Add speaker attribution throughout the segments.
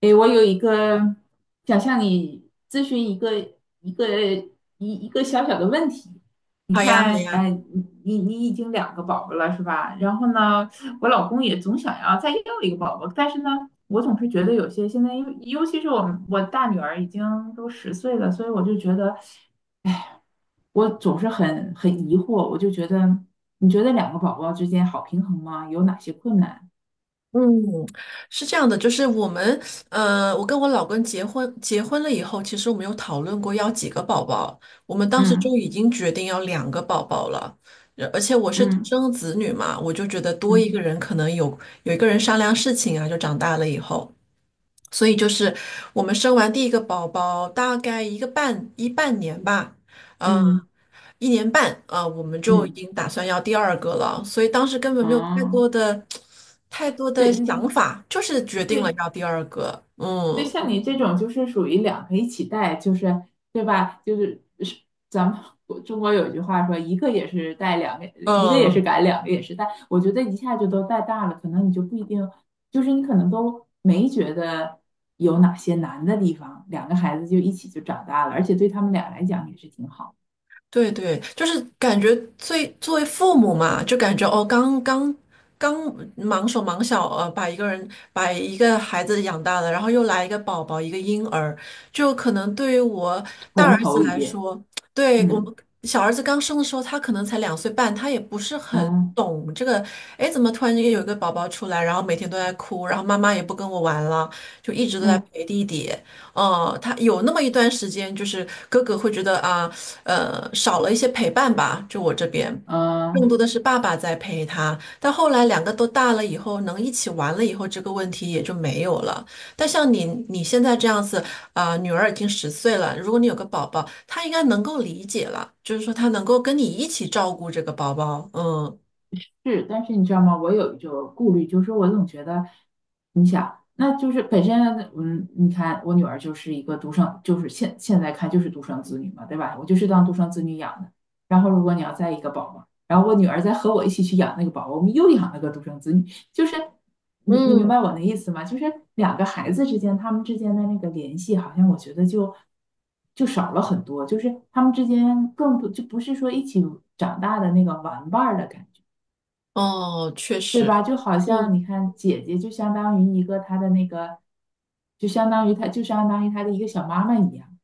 Speaker 1: 诶，我有一个想向你咨询一个一个小小的问题。你
Speaker 2: 好呀，好
Speaker 1: 看，
Speaker 2: 呀。
Speaker 1: 哎，你已经两个宝宝了是吧？然后呢，我老公也总想要再要一个宝宝，但是呢，我总是觉得有些现在尤其是我大女儿已经都十岁了，所以我就觉得，哎，我总是很疑惑，我就觉得，你觉得两个宝宝之间好平衡吗？有哪些困难？
Speaker 2: 嗯，是这样的，就是我们，我跟我老公结婚，结婚了以后，其实我们有讨论过要几个宝宝。我们当时就
Speaker 1: 嗯
Speaker 2: 已经决定要两个宝宝了。而且我是独
Speaker 1: 嗯
Speaker 2: 生子女嘛，我就觉得多一
Speaker 1: 嗯
Speaker 2: 个人可能有一个人商量事情啊，就长大了以后。所以就是我们生完第一个宝宝大概一个半一半年吧，嗯。
Speaker 1: 嗯
Speaker 2: 一年半啊，我们就已
Speaker 1: 嗯。
Speaker 2: 经打算要第二个了，所以当时根本没有太
Speaker 1: 啊，
Speaker 2: 多的、太多的
Speaker 1: 对
Speaker 2: 想
Speaker 1: 你
Speaker 2: 法，就是决定了
Speaker 1: 对
Speaker 2: 要第二个。
Speaker 1: 对，
Speaker 2: 嗯
Speaker 1: 像你这种就是属于两个一起带，就是对吧？就是咱们中国有句话说，一个也是带，一个也是
Speaker 2: 嗯，
Speaker 1: 赶，两个也是带。我觉得一下就都带大了，可能你就不一定，就是你可能都没觉得有哪些难的地方，两个孩子就一起就长大了，而且对他们俩来讲也是挺好，
Speaker 2: 对对，就是感觉最作为父母嘛，就感觉哦，刚刚忙手忙脚，把一个人把一个孩子养大了，然后又来一个宝宝，一个婴儿，就可能对于我大儿
Speaker 1: 重头
Speaker 2: 子
Speaker 1: 一
Speaker 2: 来
Speaker 1: 遍。
Speaker 2: 说。对我
Speaker 1: 嗯
Speaker 2: 们小儿子刚生的时候，他可能才两岁半，他也不是很
Speaker 1: 嗯
Speaker 2: 懂这个，哎，怎么突然间有一个宝宝出来，然后每天都在哭，然后妈妈也不跟我玩了，就一直都在
Speaker 1: 嗯
Speaker 2: 陪弟弟。哦，他有那么一段时间，就是哥哥会觉得啊。少了一些陪伴吧，就我这边，更多
Speaker 1: 嗯。
Speaker 2: 的是爸爸在陪他。但后来两个都大了以后，能一起玩了以后，这个问题也就没有了。但像你现在这样子，啊、女儿已经十岁了，如果你有个宝宝，她应该能够理解了，就是说她能够跟你一起照顾这个宝宝。嗯
Speaker 1: 是，但是你知道吗？我有一种顾虑，就是说我总觉得，你想，那就是本身，你看我女儿就是一个独生，就是现在看就是独生子女嘛，对吧？我就是当独生子女养的。然后如果你要再一个宝宝，然后我女儿再和我一起去养那个宝宝，我们又养了个独生子女，就是你明白
Speaker 2: 嗯，
Speaker 1: 我的意思吗？就是两个孩子之间，他们之间的那个联系，好像我觉得就少了很多，就是他们之间更多，就不是说一起长大的那个玩伴儿的感觉。
Speaker 2: 哦，确
Speaker 1: 对吧？
Speaker 2: 实，
Speaker 1: 就好像
Speaker 2: 嗯。
Speaker 1: 你看，姐姐就相当于一个她的那个，就相当于她的一个小妈妈一样，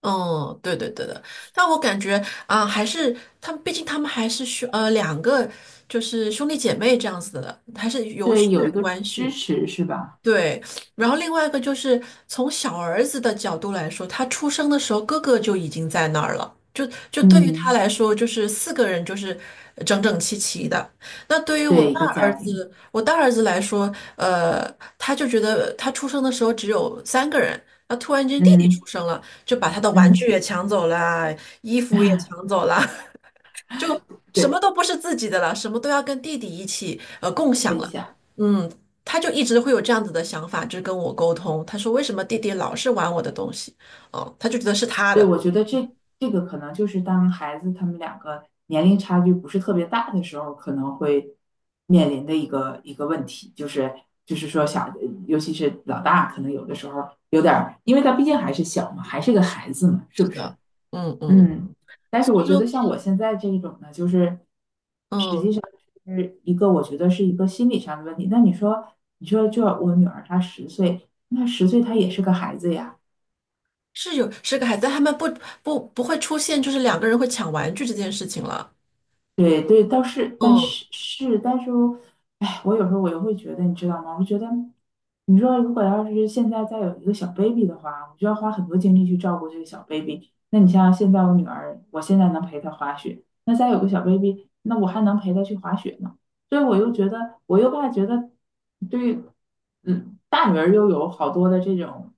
Speaker 2: 嗯，对对对的，但我感觉啊、还是他们，毕竟他们还是两个，就是兄弟姐妹这样子的，还是有
Speaker 1: 对，
Speaker 2: 血。
Speaker 1: 有一个支持是吧？
Speaker 2: 对，然后另外一个就是从小儿子的角度来说，他出生的时候哥哥就已经在那儿了，就对于他
Speaker 1: 嗯，
Speaker 2: 来说，就是四个人就是整整齐齐的。那对于我
Speaker 1: 对，一
Speaker 2: 大
Speaker 1: 个家
Speaker 2: 儿
Speaker 1: 庭，
Speaker 2: 子，我大儿子来说，呃，他就觉得他出生的时候只有三个人，那突然间弟弟出
Speaker 1: 嗯
Speaker 2: 生了，就把他的玩具
Speaker 1: 嗯，
Speaker 2: 也抢走了啊，衣服也 抢走了，就什么
Speaker 1: 对，
Speaker 2: 都不是自己的了，什么都要跟弟弟一起共享
Speaker 1: 分
Speaker 2: 了。
Speaker 1: 享，
Speaker 2: 嗯，他就一直会有这样子的想法，就是跟我沟通。他说为什么弟弟老是玩我的东西？哦，他就觉得是他
Speaker 1: 对，
Speaker 2: 的。
Speaker 1: 我觉得这个可能就是当孩子他们两个年龄差距不是特别大的时候，可能会面临的一个一个问题，就是说小，尤其是老大，可能有的时候有点儿，因为他毕竟还是小嘛，还是个孩子嘛，是
Speaker 2: 是
Speaker 1: 不是？
Speaker 2: 的，嗯嗯，
Speaker 1: 嗯，但
Speaker 2: 所
Speaker 1: 是我
Speaker 2: 以
Speaker 1: 觉得
Speaker 2: 说
Speaker 1: 像我现在这一种呢，就是
Speaker 2: 嗯
Speaker 1: 是一个我觉得是一个心理上的问题。那你说就我女儿她十岁，那十岁她也是个孩子呀。
Speaker 2: 是个孩子，但他们不会出现就是两个人会抢玩具这件事情了。
Speaker 1: 对对，倒是，但
Speaker 2: 嗯，
Speaker 1: 是是，但是我，哎，我有时候我又会觉得，你知道吗？我觉得，你说如果要是现在再有一个小 baby 的话，我就要花很多精力去照顾这个小 baby。那你像现在我女儿，我现在能陪她滑雪，那再有个小 baby,那我还能陪她去滑雪呢。所以我又觉得，我又怕觉得，对，嗯，大女儿又有好多的这种，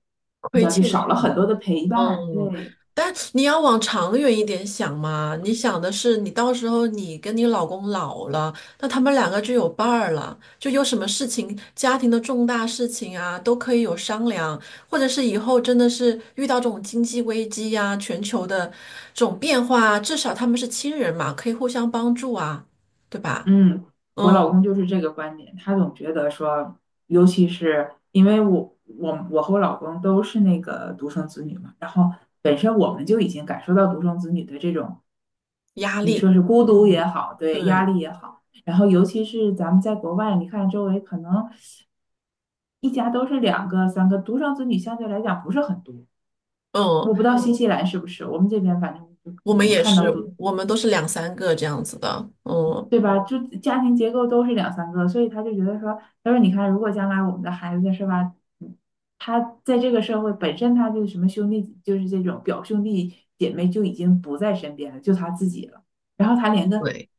Speaker 1: 你知
Speaker 2: 亏
Speaker 1: 道，就
Speaker 2: 欠。
Speaker 1: 少了很多的陪伴。
Speaker 2: 嗯，
Speaker 1: 对，
Speaker 2: 但你要往长远一点想嘛，你想的是你到时候你跟你老公老了，那他们两个就有伴儿了，就有什么事情，家庭的重大事情啊，都可以有商量，或者是以后真的是遇到这种经济危机呀、全球的这种变化啊，至少他们是亲人嘛，可以互相帮助啊，对吧？
Speaker 1: 嗯，我
Speaker 2: 嗯，
Speaker 1: 老公就是这个观点，他总觉得说，尤其是因为我和我老公都是那个独生子女嘛，然后本身我们就已经感受到独生子女的这种，
Speaker 2: 压
Speaker 1: 你
Speaker 2: 力，
Speaker 1: 说是孤独也
Speaker 2: 嗯，
Speaker 1: 好，对，压
Speaker 2: 对，
Speaker 1: 力也好，然后尤其是咱们在国外，你看周围可能一家都是两个、三个，独生子女相对来讲不是很多，
Speaker 2: 嗯，
Speaker 1: 我不知道新西兰是不是，我们这边反正就
Speaker 2: 我
Speaker 1: 我
Speaker 2: 们
Speaker 1: 们
Speaker 2: 也
Speaker 1: 看
Speaker 2: 是，
Speaker 1: 到独
Speaker 2: 我们都是两三个这样子的，嗯。
Speaker 1: 对吧？就家庭结构都是两三个，所以他就觉得说，他说你看，如果将来我们的孩子是吧，嗯他在这个社会本身他就什么兄弟，就是这种表兄弟姐妹就已经不在身边了，就他自己了，然后他连个
Speaker 2: 对。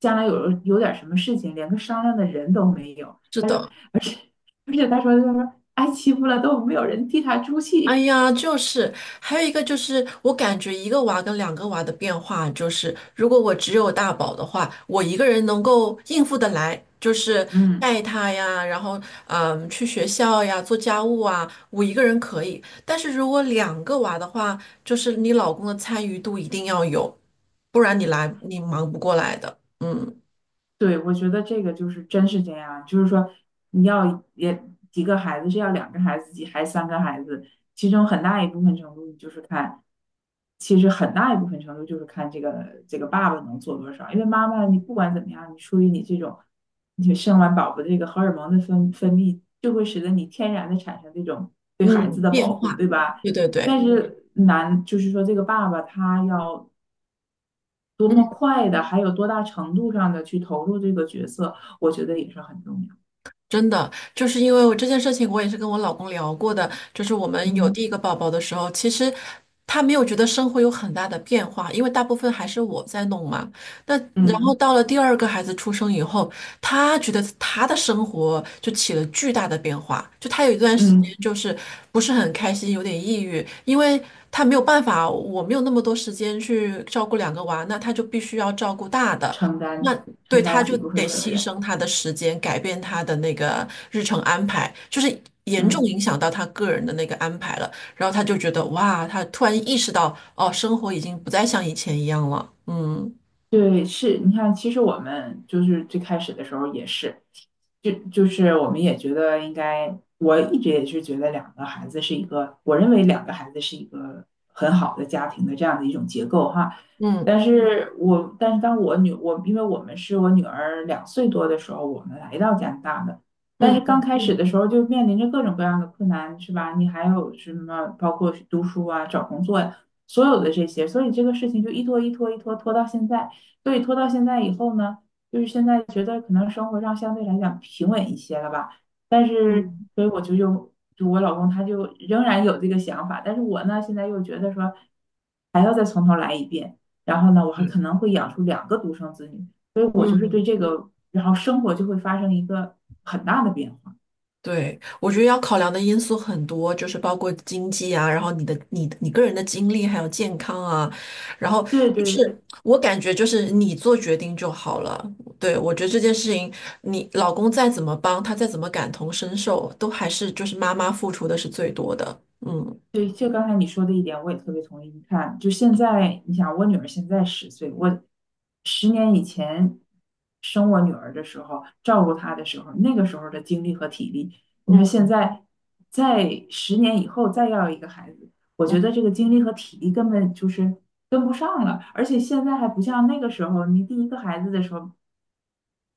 Speaker 1: 将来有点什么事情，连个商量的人都没有，
Speaker 2: 是的，
Speaker 1: 而且他说挨欺负了都没有人替他出
Speaker 2: 哎
Speaker 1: 气，
Speaker 2: 呀，就是还有一个就是，我感觉一个娃跟两个娃的变化就是，如果我只有大宝的话，我一个人能够应付得来，就是
Speaker 1: 嗯。
Speaker 2: 带他呀，然后去学校呀，做家务啊，我一个人可以。但是如果两个娃的话，就是你老公的参与度一定要有，不然你来你忙不过来的。嗯
Speaker 1: 对，我觉得这个就是真是这样，就是说你要也几个孩子，是要两个孩子，几还三个孩子，其中很大一部分程度就是看，其实很大一部分程度就是看这个爸爸能做多少，因为妈妈你不管怎么样，你出于你这种，你生完宝宝这个荷尔蒙的分泌，就会使得你天然的产生这种对孩子
Speaker 2: 嗯，
Speaker 1: 的保
Speaker 2: 变
Speaker 1: 护，
Speaker 2: 化，
Speaker 1: 对吧？
Speaker 2: 对对
Speaker 1: 但
Speaker 2: 对。
Speaker 1: 是男就是说这个爸爸他要多么快的，还有多大程度上的去投入这个角色，我觉得也是很重要。
Speaker 2: 真的，就是因为我这件事情，我也是跟我老公聊过的。就是我们有第
Speaker 1: 嗯
Speaker 2: 一个宝宝的时候，其实他没有觉得生活有很大的变化，因为大部分还是我在弄嘛。那然后
Speaker 1: 嗯
Speaker 2: 到了第二个孩子出生以后，他觉得他的生活就起了巨大的变化，就他有一段时间
Speaker 1: 嗯，
Speaker 2: 就是不是很开心，有点抑郁，因为他没有办法，我没有那么多时间去照顾两个娃，那他就必须要照顾大的。
Speaker 1: 承担
Speaker 2: 那
Speaker 1: 起
Speaker 2: 对，
Speaker 1: 承
Speaker 2: 他
Speaker 1: 担起
Speaker 2: 就
Speaker 1: 一部分
Speaker 2: 得
Speaker 1: 责
Speaker 2: 牺
Speaker 1: 任。
Speaker 2: 牲他的时间，改变他的那个日程安排，就是严重
Speaker 1: 嗯，
Speaker 2: 影响到他个人的那个安排了。然后他就觉得哇，他突然意识到，哦，生活已经不再像以前一样了。嗯
Speaker 1: 对，是你看，其实我们就是最开始的时候也是，就是我们也觉得应该，我一直也是觉得两个孩子是一个，我认为两个孩子是一个很好的家庭的这样的一种结构哈。
Speaker 2: 嗯
Speaker 1: 但是当我因为我们是我女儿2岁多的时候，我们来到加拿大的。但是
Speaker 2: 嗯
Speaker 1: 刚开始的时候就面临着各种各样的困难，是吧？你还有什么包括读书啊、找工作呀、所有的这些，所以这个事情就一拖一拖一拖拖到现在。所以拖到现在以后呢，就是现在觉得可能生活上相对来讲平稳一些了吧。但是，
Speaker 2: 嗯
Speaker 1: 所以我就又就我老公他就仍然有这个想法，但是我呢现在又觉得说还要再从头来一遍。然后呢，我还
Speaker 2: 嗯。
Speaker 1: 可能会养出两个独生子女，所以我就是对
Speaker 2: 嗯。
Speaker 1: 这个，然后生活就会发生一个很大的变化。
Speaker 2: 对，我觉得要考量的因素很多，就是包括经济啊，然后你的、你的你个人的经历，还有健康啊，然后
Speaker 1: 对
Speaker 2: 就
Speaker 1: 对，
Speaker 2: 是我感觉就是你做决定就好了。对，我觉得这件事情，你老公再怎么帮，他再怎么感同身受，都还是就是妈妈付出的是最多的。嗯
Speaker 1: 对，就刚才你说的一点，我也特别同意。你看，就现在，你想，我女儿现在十岁，我十年以前生我女儿的时候，照顾她的时候，那个时候的精力和体力，你说现
Speaker 2: 嗯
Speaker 1: 在，在十年以后再要一个孩子，我觉
Speaker 2: 嗯，
Speaker 1: 得这个精力和体力根本就是跟不上了。而且现在还不像那个时候，你第一个孩子的时候，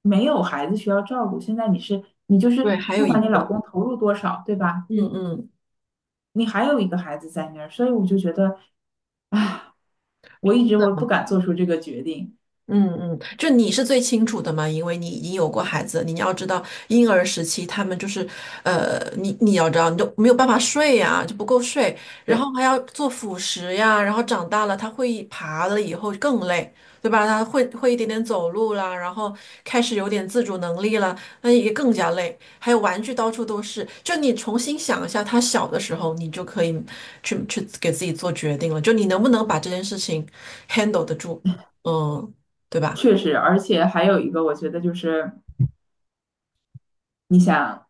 Speaker 1: 没有孩子需要照顾，现在你是你就
Speaker 2: 对，
Speaker 1: 是
Speaker 2: 还
Speaker 1: 不
Speaker 2: 有一
Speaker 1: 管你老
Speaker 2: 个，
Speaker 1: 公投入多少，对吧？
Speaker 2: 嗯嗯。
Speaker 1: 你还有一个孩子在那儿，所以我就觉得，哎，我一直我不敢做出这个决定。
Speaker 2: 嗯嗯，就你是最清楚的嘛，因为你已经有过孩子，你要知道婴儿时期他们就是，你要知道，你就没有办法睡呀、就不够睡，然后
Speaker 1: 对，
Speaker 2: 还要做辅食呀，然后长大了他会爬了以后更累，对吧？他会一点点走路啦，然后开始有点自主能力了，那也更加累。还有玩具到处都是，就你重新想一下他小的时候，你就可以去给自己做决定了，就你能不能把这件事情 handle 得住，嗯。对吧？
Speaker 1: 确实，而且还有一个，我觉得就是你想，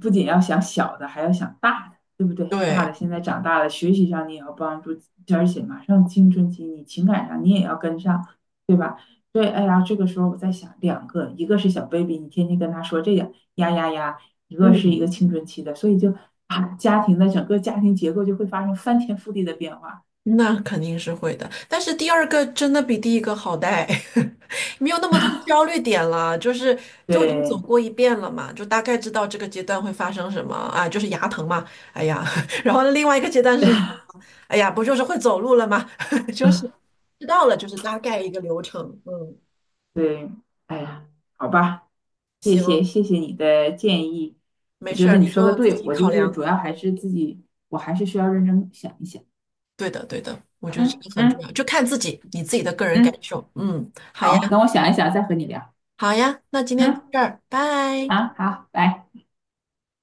Speaker 1: 不仅要想小的，还要想大的，对不对？大的
Speaker 2: 对，
Speaker 1: 现在长大了，学习上你也要帮助，而且马上青春期，你情感上你也要跟上，对吧？所以，哎呀，这个时候我在想，两个，一个是小 baby,你天天跟他说这个呀呀呀，一个是一
Speaker 2: 嗯，
Speaker 1: 个青春期的，所以就啊，家庭的整个家庭结构就会发生翻天覆地的变化。
Speaker 2: 那肯定是会的。但是第二个真的比第一个好带，没有那么多焦虑点了，就是都已经走
Speaker 1: 对
Speaker 2: 过一遍了嘛，就大概知道这个阶段会发生什么啊，就是牙疼嘛，哎呀，然后另外一个阶段是，哎呀，不就是会走路了吗？就是知道了，就是大概一个流程。嗯，
Speaker 1: 对，哎呀，好吧，谢
Speaker 2: 行，
Speaker 1: 谢谢谢你的建议，我
Speaker 2: 没
Speaker 1: 觉
Speaker 2: 事儿，
Speaker 1: 得你
Speaker 2: 你
Speaker 1: 说的
Speaker 2: 就自
Speaker 1: 对，
Speaker 2: 己
Speaker 1: 我
Speaker 2: 考
Speaker 1: 就是
Speaker 2: 量。
Speaker 1: 主要还是自己，我还是需要认真想一想。
Speaker 2: 对的，对的，我觉得这
Speaker 1: 嗯
Speaker 2: 个很重
Speaker 1: 嗯
Speaker 2: 要，就看自己，你自己的个人感
Speaker 1: 嗯，
Speaker 2: 受。嗯，好呀。
Speaker 1: 好，等我想一想再和你聊。
Speaker 2: 好呀，那今天到
Speaker 1: 嗯，
Speaker 2: 这儿，拜。
Speaker 1: 好好，拜。